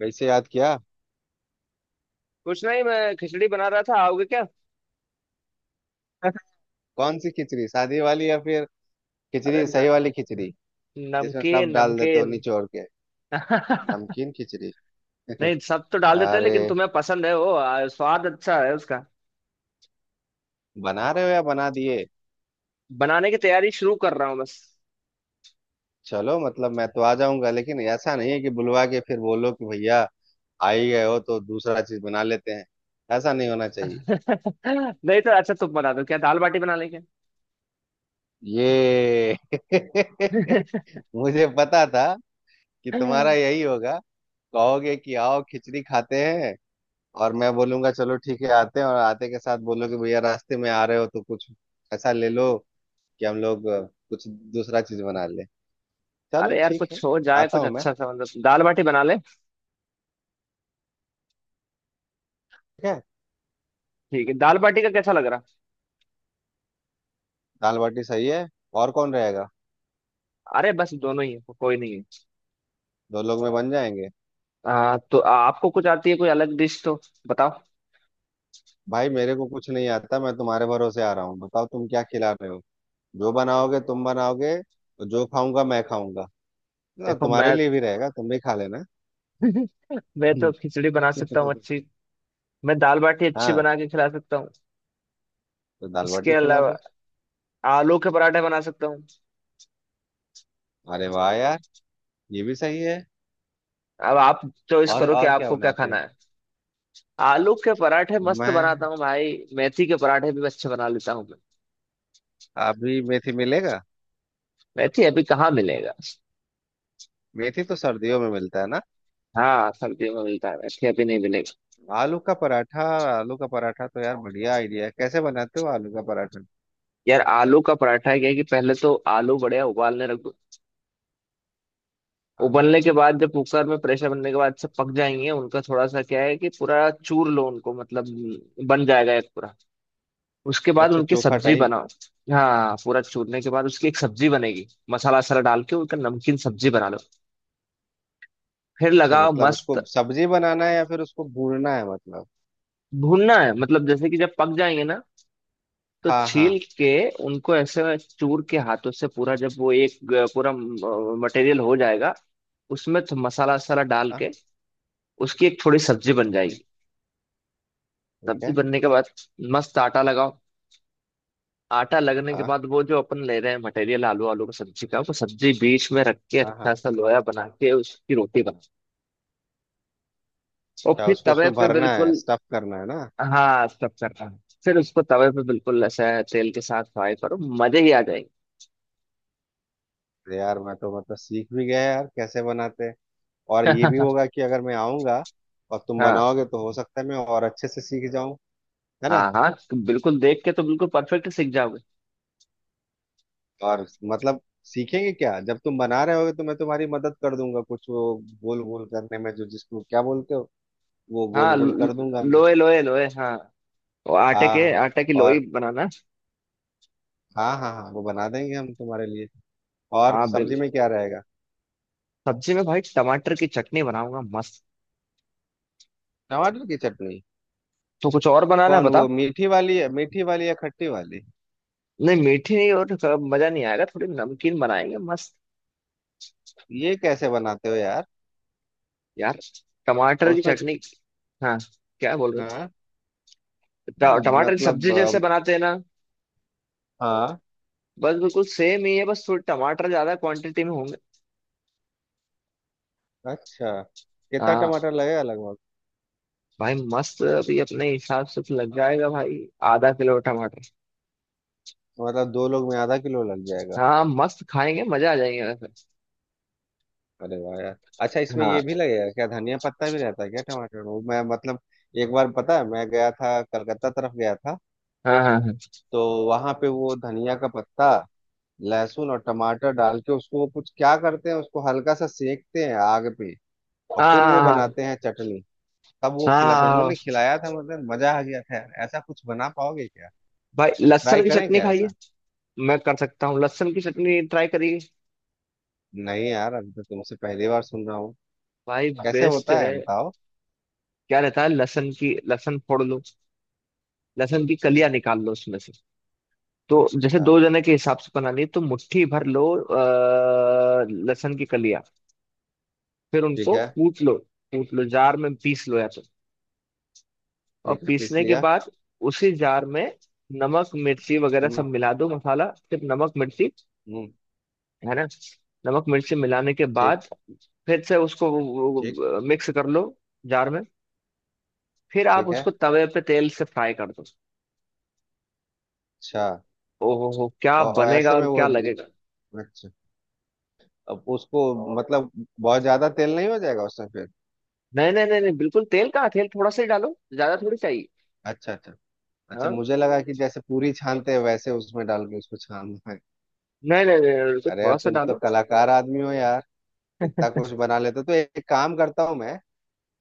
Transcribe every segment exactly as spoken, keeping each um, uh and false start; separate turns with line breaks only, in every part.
वैसे याद किया।
कुछ नहीं, मैं खिचड़ी बना रहा था। आओगे क्या?
कौन सी खिचड़ी, सादी वाली या फिर
अरे
खिचड़ी,
न,
सही वाली खिचड़ी जिसमें
नमकीन
सब डाल देते हो
नमकीन।
निचोड़ के, नमकीन खिचड़ी।
नहीं, सब तो डाल देते हैं
अरे
लेकिन तुम्हें पसंद है वो, आ, स्वाद अच्छा है उसका।
बना रहे हो या बना दिए?
बनाने की तैयारी शुरू कर रहा हूँ बस।
चलो मतलब मैं तो आ जाऊंगा, लेकिन ऐसा नहीं है कि बुलवा के फिर बोलो कि भैया आ ही गए हो तो दूसरा चीज बना लेते हैं, ऐसा नहीं होना चाहिए।
नहीं तो अच्छा, तुम बना दो, क्या दाल बाटी बना लेंगे।
ये मुझे पता था कि तुम्हारा यही होगा। कहोगे कि आओ खिचड़ी खाते हैं, और मैं बोलूंगा चलो ठीक है आते हैं, और आते के साथ बोलोगे भैया रास्ते में आ रहे हो तो कुछ ऐसा ले लो कि हम लोग अ, कुछ दूसरा चीज बना ले। चलो
अरे यार,
ठीक है,
कुछ हो जाए,
आता
कुछ
हूँ मैं।
अच्छा सा मतलब दाल बाटी बना ले।
ठीक है।
ठीक है, दाल बाटी का कैसा लग रहा?
दाल बाटी सही है। और कौन रहेगा?
अरे बस दोनों ही है, कोई नहीं है।
दो लोग में बन जाएंगे।
आ, तो आपको कुछ आती है कोई अलग डिश तो बताओ।
भाई मेरे को कुछ नहीं आता, मैं तुम्हारे भरोसे आ रहा हूँ, बताओ तुम क्या खिला रहे हो। जो बनाओगे तुम बनाओगे, और जो खाऊंगा मैं खाऊंगा। ना,
देखो
तुम्हारे
मैं
लिए भी रहेगा, तुम भी खा लेना।
मैं तो खिचड़ी बना सकता हूँ अच्छी। मैं दाल बाटी अच्छी
हाँ,
बना के खिला सकता हूँ।
तो दाल
इसके
बाटी खिला
अलावा
दो।
आलू के पराठे बना सकता हूँ।
अरे वाह यार, ये भी सही है।
अब आप चॉइस
और
करो कि
और क्या
आपको क्या
बनाते हो?
खाना है। आलू के पराठे मस्त बनाता
मैं,
हूँ भाई, मेथी के पराठे भी अच्छे बना लेता हूँ मैं।
अभी मेथी मिलेगा?
मेथी अभी कहाँ मिलेगा?
मेथी तो सर्दियों में मिलता है ना।
हाँ, सब्जी में मिलता है, मेथी अभी नहीं मिलेगा।
आलू का पराठा, आलू का पराठा तो यार बढ़िया आइडिया है, कैसे बनाते हो आलू का पराठा?
यार, आलू का पराठा क्या है कि पहले तो आलू बढ़िया उबालने रख दो।
हाँ।
उबलने के बाद जब कुकर में प्रेशर बनने के बाद सब पक जाएंगे, उनका थोड़ा सा क्या है कि पूरा चूर लो उनको, मतलब बन जाएगा एक पूरा। उसके बाद
अच्छा
उनकी
चोखा
सब्जी
टाइप।
बनाओ। हाँ, पूरा चूरने के बाद उसकी एक सब्जी बनेगी, मसाला वसाला डाल के उनका नमकीन सब्जी बना लो। फिर
अच्छा
लगाओ
मतलब उसको
मस्त।
सब्जी बनाना है या फिर उसको भूनना है मतलब?
भूनना है मतलब, जैसे कि जब पक जाएंगे ना, तो
हाँ
छील
हाँ।
के उनको ऐसे चूर के हाथों से पूरा, जब वो एक ग- पूरा मटेरियल हो जाएगा, उसमें तो मसाला वसाला डाल
हाँ।
के उसकी एक थोड़ी सब्जी बन
जी,
जाएगी।
ठीक
सब्जी
है।
बनने के बाद मस्त आटा लगाओ। आटा लगने के
हाँ
बाद वो जो अपन ले रहे हैं मटेरियल, आलू आलू का सब्जी का, वो सब्जी बीच में रख के
हाँ
अच्छा
हाँ।
सा लोया बना के उसकी रोटी बनाओ। और
अच्छा
फिर
उसको
तवे
उसमें
पे
भरना है,
बिल्कुल।
स्टफ करना है ना।
हाँ, सब करता है। फिर उसको तवे पे बिल्कुल ऐसा तेल के साथ फ्राई करो। मजे ही आ जाएंगे।
अरे यार मैं तो मतलब सीख भी गया यार कैसे बनाते हैं। और ये भी होगा कि अगर मैं आऊंगा और तुम
हाँ
बनाओगे तो हो सकता है मैं और अच्छे से सीख जाऊं, है ना।
हाँ हाँ, बिल्कुल देख के तो बिल्कुल परफेक्ट सीख जाओगे।
और मतलब सीखेंगे क्या, जब तुम बना रहे होगे तो मैं तुम्हारी मदद कर दूंगा कुछ वो गोल गोल करने में, जो जिसको क्या बोलते हो, वो गोल
हाँ,
गोल कर
ल-
दूंगा मैं।
लोए लोए लोए, हाँ। वो आटे के
हाँ।
आटे की लोई
और
बनाना।
हाँ हाँ हाँ, वो बना देंगे हम तुम्हारे लिए। और
हाँ, बिल
सब्जी में क्या रहेगा?
सब्जी में भाई टमाटर की चटनी बनाऊंगा मस्त।
टमाटर की चटनी?
तो कुछ और बनाना है
कौन, वो
बताओ?
मीठी वाली, मीठी वाली या खट्टी वाली?
नहीं, मीठी नहीं, और थोड़ा मजा नहीं आएगा, थोड़ी नमकीन बनाएंगे मस्त।
ये कैसे बनाते हो यार?
यार, टमाटर
और
की
उसमें?
चटनी। हाँ, क्या बोल रहे हो?
हाँ।
ट- टमाटर की
मतलब
सब्जी जैसे
अम,
बनाते हैं ना,
हाँ।
बस बिल्कुल सेम ही है, बस थोड़े टमाटर ज्यादा क्वांटिटी में होंगे।
अच्छा। कितना
हाँ
टमाटर लगेगा लगभग?
भाई, मस्त अभी अपने हिसाब से तो लग जाएगा भाई। आधा किलो टमाटर।
मतलब दो लोग में आधा किलो लग जाएगा?
हाँ, मस्त खाएंगे, मजा आ जाएंगे वैसे।
अरे वाह यार। अच्छा इसमें ये
हाँ
भी लगेगा क्या, धनिया पत्ता भी रहता है क्या टमाटर में, मैं मतलब एक बार पता है मैं गया था, कलकत्ता तरफ गया था,
हाँ हाँ हाँ
तो वहां पे वो धनिया का पत्ता, लहसुन और टमाटर डाल के उसको वो कुछ क्या करते हैं उसको हल्का सा सेकते हैं आग पे, और
हाँ
फिर
हाँ हाँ
वो
हाँ,
बनाते
हाँ।
हैं चटनी। तब वो
हाँ,
खिलाते,
हाँ।
उन्होंने खिलाया था, मतलब मजा आ गया था यार। ऐसा कुछ बना पाओगे क्या?
भाई,
ट्राई
लहसुन की
करें
चटनी
क्या
खाइए।
ऐसा?
मैं कर सकता हूँ, लहसुन की चटनी ट्राई करिए।
नहीं यार अभी तो तुमसे पहली बार सुन रहा हूँ।
भाई
कैसे
बेस्ट
होता है
है।
बताओ।
क्या रहता है, लहसुन की लहसुन फोड़ लो। लहसुन की
हम्म,
कलियां निकाल लो उसमें से। तो जैसे
अच्छा।
दो जने के हिसाब से बनानी है, तो मुट्ठी भर लो अ, लहसुन की कलियां। फिर
ठीक
उनको
है।
कूट लो। कूट लो जार में, पीस लो या तो। और
ठीक है, पीस
पीसने के
लिया।
बाद उसी जार में नमक मिर्ची वगैरह सब
हम्म।
मिला दो, मसाला, फिर नमक मिर्ची,
हम्म।
है ना? नमक मिर्ची मिलाने के
ठीक।
बाद फिर से
ठीक।
उसको मिक्स कर लो जार में। फिर आप
ठीक है।
उसको तवे पे तेल से फ्राई कर दो।
अच्छा।
ओहो हो, क्या
और, और
बनेगा
ऐसे
और
में वो,
क्या लगेगा।
अच्छा, अब उसको मतलब बहुत ज्यादा तेल नहीं हो जाएगा उसमें फिर?
नहीं नहीं नहीं नहीं, बिल्कुल, तेल कहाँ, तेल थोड़ा सा ही डालो, ज्यादा थोड़ी चाहिए।
अच्छा अच्छा। अच्छा
हाँ,
मुझे लगा कि जैसे पूरी छानते हैं वैसे उसमें डाल के उसको छानना है।
नहीं नहीं नहीं नहीं, तो
अरे यार
थोड़ा सा
तुम तो
डालो।
कलाकार आदमी हो यार, इतना कुछ बना लेते हो। तो एक काम करता हूँ मैं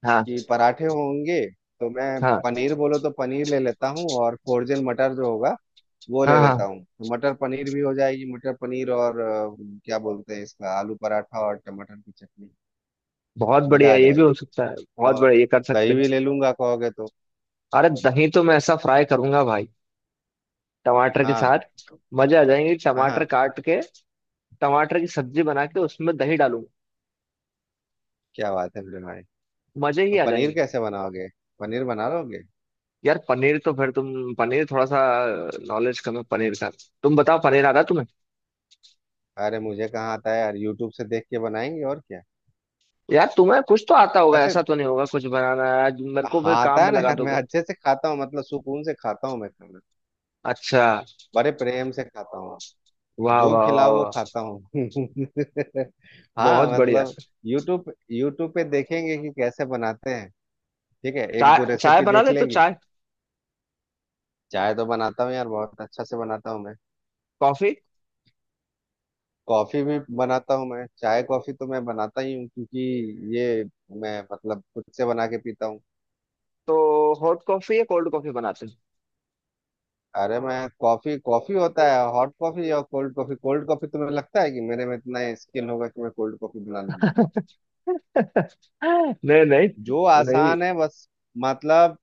हाँ
कि पराठे होंगे तो मैं
हाँ
पनीर बोलो तो पनीर ले लेता हूँ, और फोर्जन मटर जो होगा वो ले
हाँ
लेता
हाँ,
हूँ, तो मटर पनीर भी हो जाएगी, मटर पनीर और अ, क्या बोलते हैं इसका, आलू पराठा और टमाटर की चटनी।
बहुत
मजा
बढ़िया,
आ
ये भी
जाएगा।
हो सकता है, बहुत
और
बढ़िया, ये कर सकते
दही
हैं।
भी ले लूंगा कहोगे तो।
अरे दही तो मैं ऐसा फ्राई करूंगा भाई, टमाटर के
हाँ
साथ। मजे आ जाएंगे,
हाँ
टमाटर
हाँ।
काट के, टमाटर की सब्जी बना के उसमें दही डालूंगा।
क्या बात है मेरे भाई।
मजे ही
तो
आ
पनीर
जाएंगे।
कैसे बनाओगे? पनीर बना लोगे?
यार, पनीर तो फिर तुम, पनीर थोड़ा सा नॉलेज कम है पनीर का। तुम बताओ, पनीर आता है तुम्हें?
अरे मुझे कहाँ आता है यार, यूट्यूब से देख के बनाएंगे और क्या।
यार, तुम्हें कुछ तो आता होगा,
वैसे
ऐसा तो नहीं होगा, कुछ बनाना आज मेरे को फिर
हाँ
काम
आता है
में
ना
लगा
यार, मैं
दोगे।
अच्छे से खाता हूँ, मतलब सुकून से खाता हूँ मैं खाना,
अच्छा,
बड़े प्रेम से खाता हूँ,
वाह
जो
वाह वाह
खिलाओ वो
वाह,
खाता हूँ।
बहुत
हाँ
बढ़िया।
मतलब यूट्यूब यूट्यूब पे देखेंगे कि कैसे बनाते हैं, ठीक है, एक दो
चाय चाय
रेसिपी
बना
देख
ले तो
लेंगे।
चाय?
चाय तो बनाता हूँ यार, बहुत अच्छा से बनाता हूँ मैं।
कॉफी?
कॉफी भी बनाता हूँ मैं, चाय कॉफी तो मैं बनाता ही हूँ, क्योंकि ये मैं मतलब खुद से बना के पीता हूँ।
तो हॉट कॉफी या कोल्ड कॉफी बनाते
अरे मैं, कॉफी कॉफी होता है, हॉट कॉफी या कोल्ड कॉफी, कोल्ड कॉफी तुम्हें लगता है कि मेरे में इतना स्किल होगा कि मैं कोल्ड कॉफी बना लूंगा?
हैं? नहीं नहीं
जो
नहीं।
आसान है बस, मतलब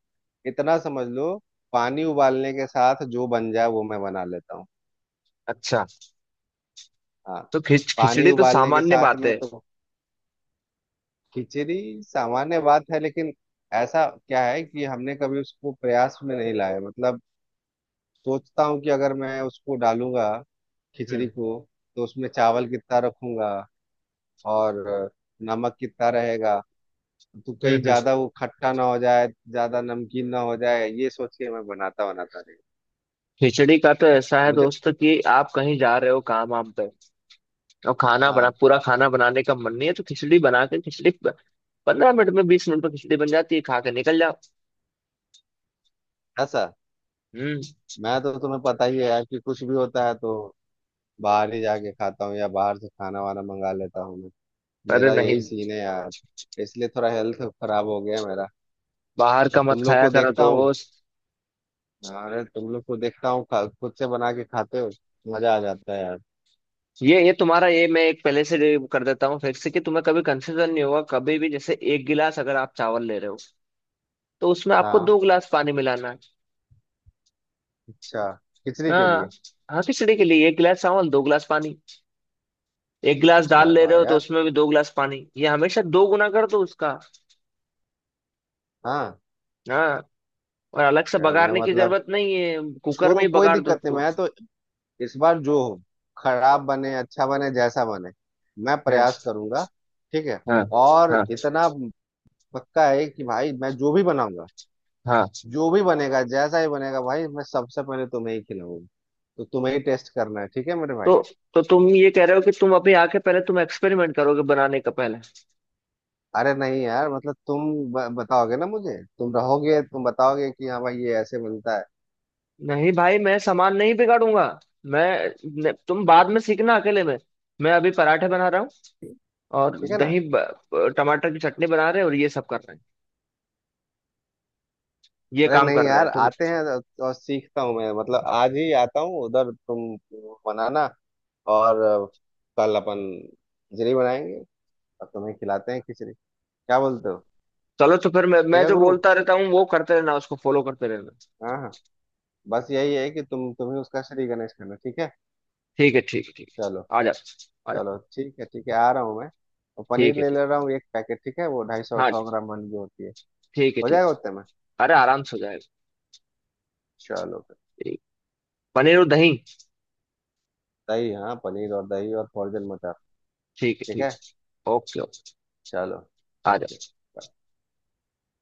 इतना समझ लो, पानी उबालने के साथ जो बन जाए वो मैं बना लेता हूँ।
अच्छा।
हाँ।
तो खिच
पानी
खिचड़ी तो
उबालने के
सामान्य
साथ
बात
में
है।
तो, खिचड़ी सामान्य बात है लेकिन, ऐसा क्या है कि हमने कभी उसको प्रयास में नहीं लाया, मतलब सोचता हूँ कि अगर मैं उसको डालूंगा खिचड़ी
हम्म
को, तो उसमें चावल कितना रखूंगा और नमक कितना रहेगा, तो
हम्म
कहीं
हम्म।
ज्यादा वो खट्टा ना हो जाए, ज्यादा नमकीन ना हो जाए, ये सोच के मैं बनाता, बनाता नहीं।
खिचड़ी का तो ऐसा है
मुझे,
दोस्त कि आप कहीं जा रहे हो काम वाम पे, और खाना बना,
हाँ।
पूरा खाना बनाने का मन नहीं है, तो खिचड़ी बना के खिचड़ी पंद्रह मिनट में बीस मिनट में खिचड़ी बन जाती है, खा के निकल जाओ।
ऐसा?
हम्म।
मैं तो तुम्हें पता ही है यार कि कुछ भी होता है तो बाहर ही जाके खाता हूँ या बाहर से खाना वाना मंगा लेता हूँ मैं,
अरे
मेरा यही
नहीं,
सीन है यार। इसलिए थोड़ा हेल्थ खराब हो गया है मेरा।
बाहर
और
का मत
तुम लोग
खाया
को
करो
देखता हूँ,
दोस्त।
अरे तुम लोग को देखता हूँ खा- खुद से बना के खाते हो, मजा आ जाता है यार।
ये ये तुम्हारा, ये मैं एक पहले से ये कर देता हूँ फिर से कि तुम्हें कभी कंफ्यूजन नहीं होगा। कभी भी जैसे एक गिलास अगर आप चावल ले रहे हो, तो उसमें आपको
हाँ।
दो गिलास पानी मिलाना है।
अच्छा, खिचड़ी के
हाँ
लिए?
हाँ, खिचड़ी के लिए एक गिलास चावल दो गिलास पानी। एक गिलास दाल
अच्छा
ले
वाह
रहे हो तो
यार।
उसमें भी दो गिलास पानी, ये हमेशा दो गुना कर दो उसका।
हाँ।
हाँ, और अलग से
यार मैं
बघाड़ने की
मतलब
जरूरत नहीं है, कुकर
छोड़ो
में ही
कोई
बघाड़ दो
दिक्कत नहीं,
उसको।
मैं तो इस बार जो हो, खराब बने अच्छा बने जैसा बने, मैं
हाँ
प्रयास करूंगा, ठीक है।
हाँ
और
हाँ
इतना पक्का है कि भाई मैं जो भी बनाऊंगा,
हाँ।
जो भी बनेगा जैसा ही बनेगा भाई, मैं सबसे पहले तुम्हें ही खिलाऊंगा, तो तुम्हें ही टेस्ट करना है, ठीक है मेरे
तो
भाई।
तो तुम ये कह रहे हो कि तुम अभी आके पहले तुम एक्सपेरिमेंट करोगे बनाने का पहले?
अरे नहीं यार मतलब तुम ब- बताओगे ना मुझे, तुम रहोगे तुम बताओगे कि हाँ भाई ये ऐसे बनता है,
नहीं भाई, मैं सामान नहीं बिगाड़ूंगा। मैं, न- तुम बाद में सीखना अकेले में। मैं अभी पराठे बना रहा हूँ और
ठीक है ना।
दही, ब- टमाटर की चटनी बना रहे हैं और ये सब कर रहे हैं, ये
अरे
काम
नहीं
कर रहे
यार,
हैं तुम।
आते हैं और और सीखता हूँ मैं, मतलब आज ही आता हूँ उधर, तुम बनाना, और अ, कल अपन खिचड़ी बनाएंगे और तुम्हें खिलाते हैं खिचड़ी, क्या बोलते हो।
चलो, तो फिर मैं मैं
ठीक है
जो
गुरु।
बोलता रहता हूँ वो करते रहना, उसको फॉलो करते रहना।
हाँ हाँ। बस यही है कि तुम तुम्हें उसका श्री गणेश करना, ठीक है।
ठीक है ठीक है ठीक
चलो।
है, आ जा। आ जा।
चलो ठीक है ठीक है, आ रहा हूँ मैं। और पनीर
ठीक है,
ले
ठीक।
ले रहा हूँ एक पैकेट, ठीक है वो ढाई सौ
हाँ।
सौ ग्राम वाली जो होती है।
ठीक है,
हो
ठीक
जाएगा
है।
उतने में?
अरे आराम से हो जाएगा।
चलो।
ठीक। पनीर और दही।
दही, हाँ पनीर और दही और फॉर्जन मटर।
ठीक है,
ठीक है।
ठीक। Okay okay.
चलो।
आ
ओके।
जा।